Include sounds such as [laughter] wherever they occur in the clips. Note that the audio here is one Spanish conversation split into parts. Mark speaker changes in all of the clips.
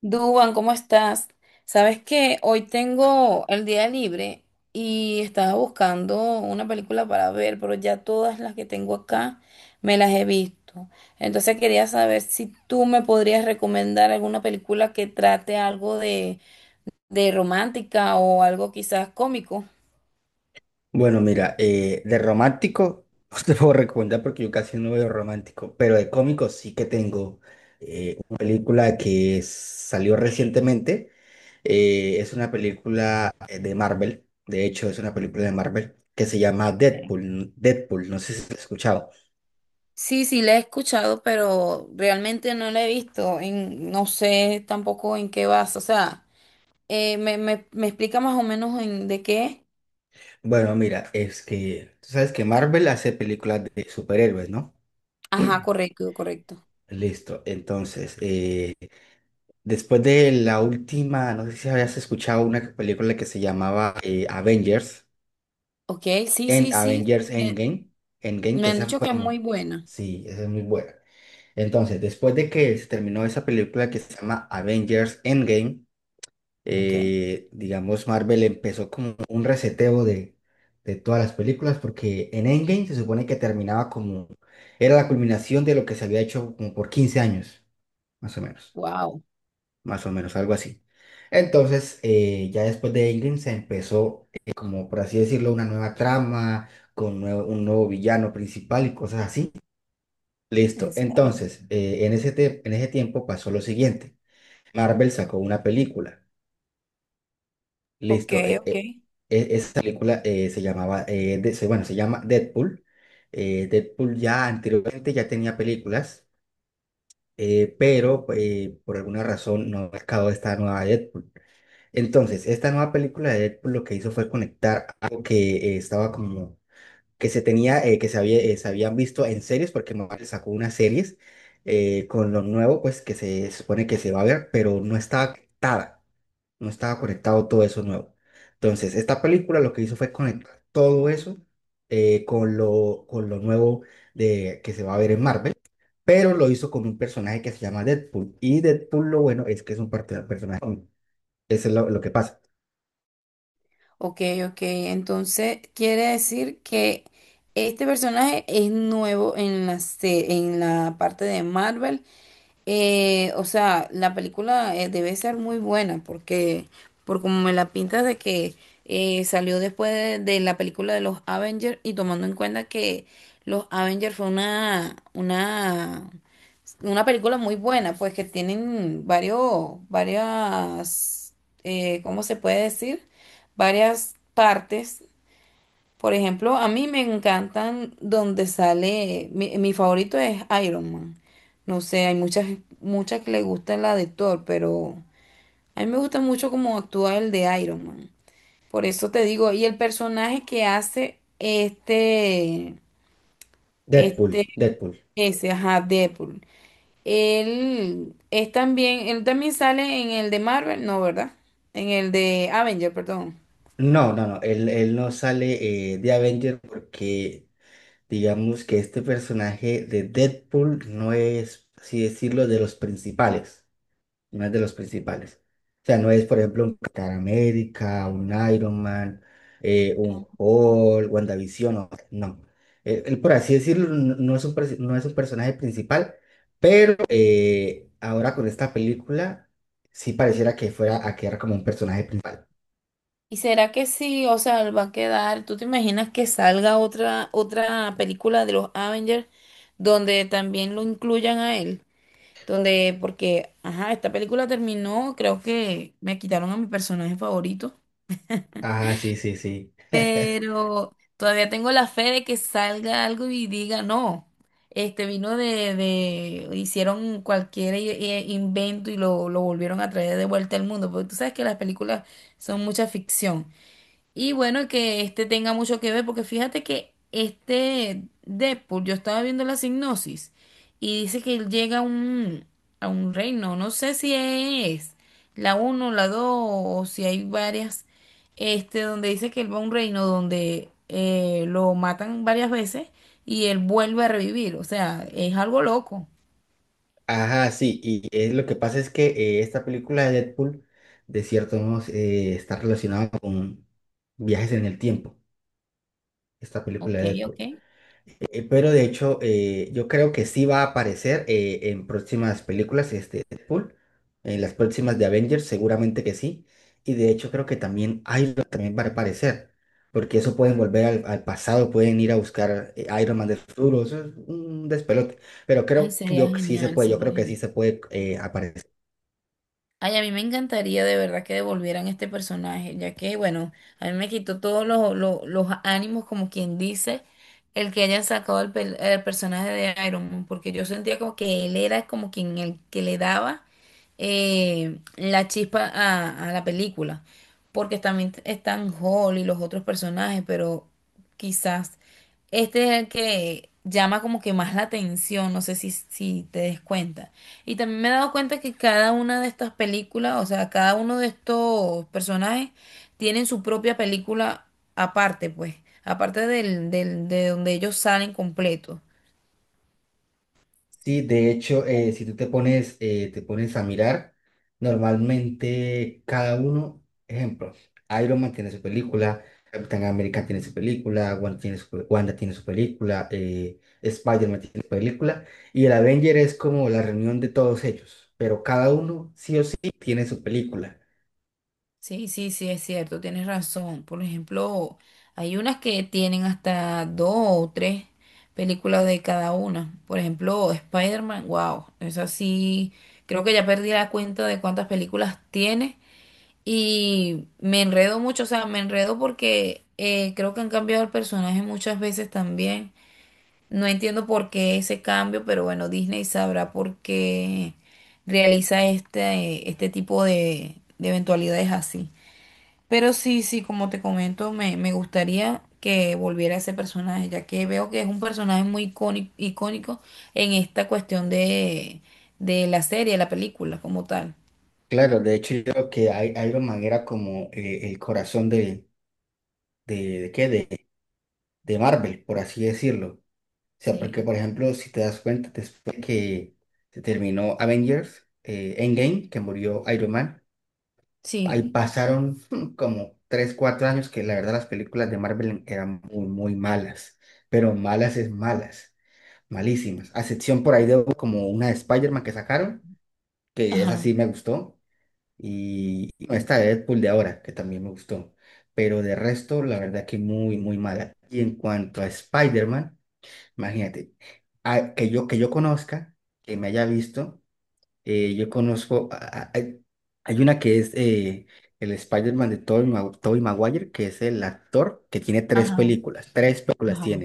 Speaker 1: Duban, ¿cómo estás? Sabes que hoy tengo el día libre y estaba buscando una película para ver, pero ya todas las que tengo acá me las he visto. Entonces quería saber si tú me podrías recomendar alguna película que trate algo de romántica o algo quizás cómico.
Speaker 2: Bueno, mira, de romántico [laughs] no te puedo recomendar porque yo casi no veo romántico, pero de cómico sí que tengo una película que salió recientemente. Es una película de Marvel, de hecho es una película de Marvel que se llama Deadpool. Deadpool, no sé si lo has escuchado.
Speaker 1: Sí, sí, la he escuchado, pero realmente no la he visto. No sé tampoco en qué vas. O sea, me explica más o menos en de qué es?
Speaker 2: Bueno, mira, es que tú sabes que Marvel hace películas de superhéroes, ¿no?
Speaker 1: Ajá, correcto, correcto.
Speaker 2: Listo, entonces, después de la última, no sé si habías escuchado una película que se llamaba Avengers,
Speaker 1: Ok, sí,
Speaker 2: en
Speaker 1: sí, sí.
Speaker 2: Avengers Endgame, Endgame,
Speaker 1: Me
Speaker 2: que
Speaker 1: han
Speaker 2: esa
Speaker 1: dicho
Speaker 2: fue
Speaker 1: que es muy
Speaker 2: como,
Speaker 1: buena.
Speaker 2: sí, esa es muy buena. Entonces, después de que se terminó esa película que se llama Avengers Endgame,
Speaker 1: Ok.
Speaker 2: digamos, Marvel empezó como un reseteo de todas las películas, porque en Endgame se supone que terminaba como, era la culminación de lo que se había hecho como por 15 años, más o menos
Speaker 1: Wow,
Speaker 2: más o menos, algo así. Entonces, ya después de Ingrid se empezó, como por así decirlo, una nueva trama, con un nuevo villano principal y cosas así.
Speaker 1: en
Speaker 2: Listo.
Speaker 1: serio.
Speaker 2: Entonces, en ese tiempo pasó lo siguiente. Marvel sacó una película.
Speaker 1: Ok,
Speaker 2: Listo.
Speaker 1: ok.
Speaker 2: Esa película se llamaba, bueno, se llama Deadpool. Deadpool ya anteriormente ya tenía películas, pero por alguna razón no ha sacado esta nueva Deadpool. Entonces, esta nueva película de Deadpool lo que hizo fue conectar algo que estaba como que se tenía, que se había, se habían visto en series, porque Marvel sacó unas series con lo nuevo, pues que se supone que se va a ver, pero no estaba conectado todo eso nuevo. Entonces, esta película lo que hizo fue conectar todo eso con lo nuevo de, que se va a ver en Marvel. Pero lo hizo con un personaje que se llama Deadpool. Y Deadpool, lo bueno es que es un personaje. Eso es lo que pasa.
Speaker 1: Ok, ok. Entonces, quiere decir que este personaje es nuevo en en la parte de Marvel. O sea, la película debe ser muy buena porque, por como me la pintas de que salió después de la película de los Avengers, y tomando en cuenta que los Avengers fue una película muy buena, pues que tienen ¿cómo se puede decir? Varias partes. Por ejemplo, a mí me encantan donde sale, mi favorito es Iron Man. No sé, hay muchas, muchas que le gustan la de Thor, pero a mí me gusta mucho cómo actúa el de Iron Man. Por eso te digo, y el personaje que hace
Speaker 2: Deadpool,
Speaker 1: este,
Speaker 2: Deadpool.
Speaker 1: ese, ajá, Deadpool. Él es también, él también sale en el de Marvel, no, ¿verdad? En el de Avenger, perdón.
Speaker 2: No, no, no, él no sale de Avenger porque digamos que este personaje de Deadpool no es, así decirlo, de los principales, no es de los principales. O sea, no es, por ejemplo, un Capitán América, un Iron Man, un Hulk, WandaVision, no. No. Él, por así decirlo, no es un, perso- no es un personaje principal, pero ahora con esta película sí pareciera que fuera a quedar como un personaje principal.
Speaker 1: ¿Y será que sí? O sea, va a quedar. ¿Tú te imaginas que salga otra película de los Avengers donde también lo incluyan a él? Donde, porque, ajá, esta película terminó, creo que me quitaron a mi personaje favorito,
Speaker 2: Ajá, sí, sí, sí. [laughs]
Speaker 1: pero todavía tengo la fe de que salga algo y diga, no, este vino hicieron cualquier invento y lo volvieron a traer de vuelta al mundo, porque tú sabes que las películas son mucha ficción. Y bueno, que este tenga mucho que ver, porque fíjate que este Deadpool, yo estaba viendo la sinopsis y dice que él llega a a un reino, no sé si es la uno la 2 o si hay varias, este, donde dice que él va a un reino donde lo matan varias veces y él vuelve a revivir, o sea, es algo loco.
Speaker 2: Ajá, sí, y lo que pasa es que esta película de Deadpool, de cierto modo, está relacionada con viajes en el tiempo, esta película
Speaker 1: Ok,
Speaker 2: de Deadpool.
Speaker 1: ok.
Speaker 2: Pero de hecho, yo creo que sí va a aparecer en próximas películas este Deadpool, en las próximas de Avengers, seguramente que sí. Y de hecho creo que también Iron también va a aparecer, porque eso pueden volver al pasado, pueden ir a buscar Iron Man del futuro, eso es un despelote. Pero
Speaker 1: Ay,
Speaker 2: creo que
Speaker 1: sería
Speaker 2: yo que sí se
Speaker 1: genial,
Speaker 2: puede, yo
Speaker 1: sería
Speaker 2: creo que sí
Speaker 1: genial.
Speaker 2: se puede aparecer.
Speaker 1: Ay, a mí me encantaría de verdad que devolvieran este personaje, ya que, bueno, a mí me quitó todos los ánimos, como quien dice, el que hayan sacado el personaje de Iron Man, porque yo sentía como que él era como quien el que le daba la chispa a la película, porque también están Hall y los otros personajes, pero quizás este es el que llama como que más la atención, no sé si te des cuenta. Y también me he dado cuenta que cada una de estas películas, o sea, cada uno de estos personajes tienen su propia película aparte, pues, aparte de donde ellos salen completos.
Speaker 2: Sí, de hecho, si tú te pones, a mirar, normalmente cada uno, ejemplo, Iron Man tiene su película, Capitán América tiene su película, Wanda tiene su película, Spider-Man tiene su película, y el Avenger es como la reunión de todos ellos, pero cada uno sí o sí tiene su película.
Speaker 1: Sí, sí, sí, es cierto, tienes razón. Por ejemplo, hay unas que tienen hasta dos o tres películas de cada una. Por ejemplo, Spider-Man, wow, es así. Creo que ya perdí la cuenta de cuántas películas tiene y me enredo mucho, o sea, me enredo porque creo que han cambiado el personaje muchas veces también. No entiendo por qué ese cambio, pero bueno, Disney sabrá por qué realiza este tipo de eventualidades así. Pero sí, sí, como te comento, me gustaría que volviera ese personaje, ya que veo que es un personaje muy icónico icónico, en esta cuestión de la serie, la película como tal.
Speaker 2: Claro, de hecho yo creo que Iron Man era como el corazón de, ¿de qué? De Marvel, por así decirlo. O sea, porque
Speaker 1: Sí,
Speaker 2: por ejemplo, si te das cuenta, después que se terminó Avengers, Endgame, que murió Iron Man, ahí
Speaker 1: sí.
Speaker 2: pasaron [laughs] como 3 4 años que la verdad las películas de Marvel eran muy, muy malas, pero malas es malas, malísimas, a excepción por ahí
Speaker 1: O-
Speaker 2: de como una de Spider-Man que sacaron, que esa
Speaker 1: Ajá.
Speaker 2: sí me gustó, y no, esta de Deadpool de ahora, que también me gustó, pero de resto, la verdad que muy, muy mala. Y en cuanto a Spider-Man, imagínate, que yo conozca, que me haya visto, yo conozco, hay una que es el Spider-Man de Tobey Maguire, que es el actor que tiene
Speaker 1: Ajá,
Speaker 2: tres películas tiene.
Speaker 1: ajá.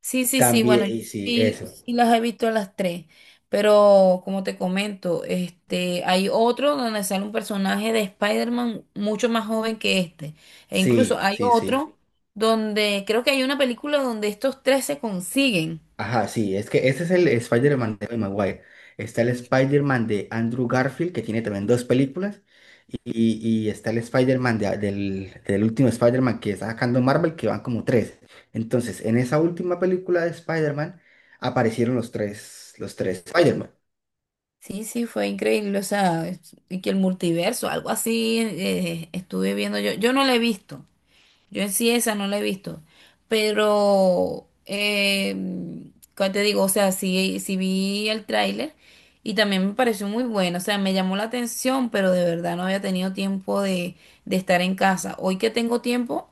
Speaker 1: Sí, sí, sí,
Speaker 2: También,
Speaker 1: bueno, yo
Speaker 2: sí,
Speaker 1: sí,
Speaker 2: eso,
Speaker 1: sí las he visto a las tres, pero como te comento, este, hay otro donde sale un personaje de Spider-Man mucho más joven que este, e incluso
Speaker 2: sí,
Speaker 1: hay
Speaker 2: sí, sí.
Speaker 1: otro donde creo que hay una película donde estos tres se consiguen.
Speaker 2: Ajá, sí, es que ese es el Spider-Man de Tobey Maguire. Está el Spider-Man de Andrew Garfield, que tiene también dos películas. Y está el Spider-Man del último Spider-Man que está sacando Marvel, que van como tres. Entonces, en esa última película de Spider-Man aparecieron los tres Spider-Man.
Speaker 1: Sí, sí, fue increíble, o sea, y que el multiverso, algo así, estuve viendo yo, yo no la he visto. Yo en sí esa no la he visto, pero, ¿cómo te digo? O sea, sí, sí vi el tráiler y también me pareció muy bueno, o sea, me llamó la atención, pero de verdad no había tenido tiempo de estar en casa. Hoy que tengo tiempo,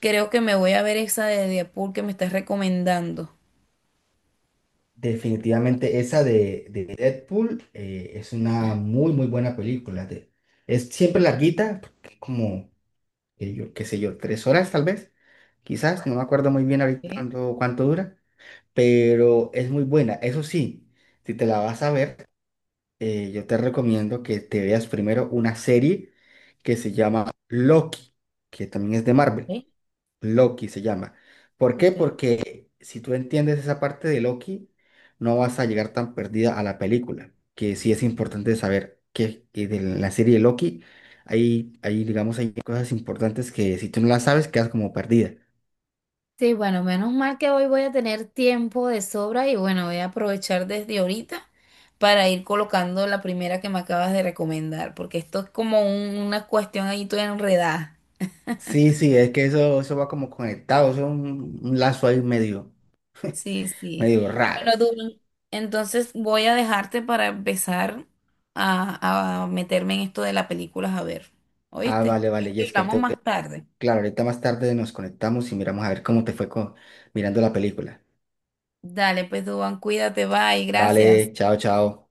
Speaker 1: creo que me voy a ver esa de Deadpool que me estás recomendando.
Speaker 2: Definitivamente esa de Deadpool es una muy, muy buena película. Es siempre larguita, porque como, yo, qué sé yo, 3 horas tal vez, quizás, no me acuerdo muy bien ahorita
Speaker 1: Ok,
Speaker 2: cuánto dura, pero es muy buena. Eso sí, si te la vas a ver yo te recomiendo que te veas primero una serie que se llama Loki, que también es de Marvel.
Speaker 1: ok,
Speaker 2: Loki se llama. ¿Por qué?
Speaker 1: ok.
Speaker 2: Porque si tú entiendes esa parte de Loki, no vas a llegar tan perdida a la película, que sí es importante saber que de la serie de Loki digamos, hay cosas importantes que si tú no las sabes, quedas como perdida.
Speaker 1: Sí, bueno, menos mal que hoy voy a tener tiempo de sobra y bueno, voy a aprovechar desde ahorita para ir colocando la primera que me acabas de recomendar, porque esto es como una cuestión ahí toda enredada.
Speaker 2: Sí, sí, es que eso va como conectado, eso es un lazo ahí medio,
Speaker 1: Sí, sí.
Speaker 2: medio raro.
Speaker 1: Bueno, Dublín, entonces voy a dejarte para empezar a meterme en esto de las películas a ver.
Speaker 2: Ah,
Speaker 1: ¿Oíste?
Speaker 2: vale,
Speaker 1: Creo
Speaker 2: vale,
Speaker 1: que
Speaker 2: Jessica.
Speaker 1: hablamos más tarde.
Speaker 2: Claro, ahorita más tarde nos conectamos y miramos a ver cómo te fue mirando la película.
Speaker 1: Dale, pues, Duan, cuídate, bye,
Speaker 2: Vale,
Speaker 1: gracias.
Speaker 2: chao, chao.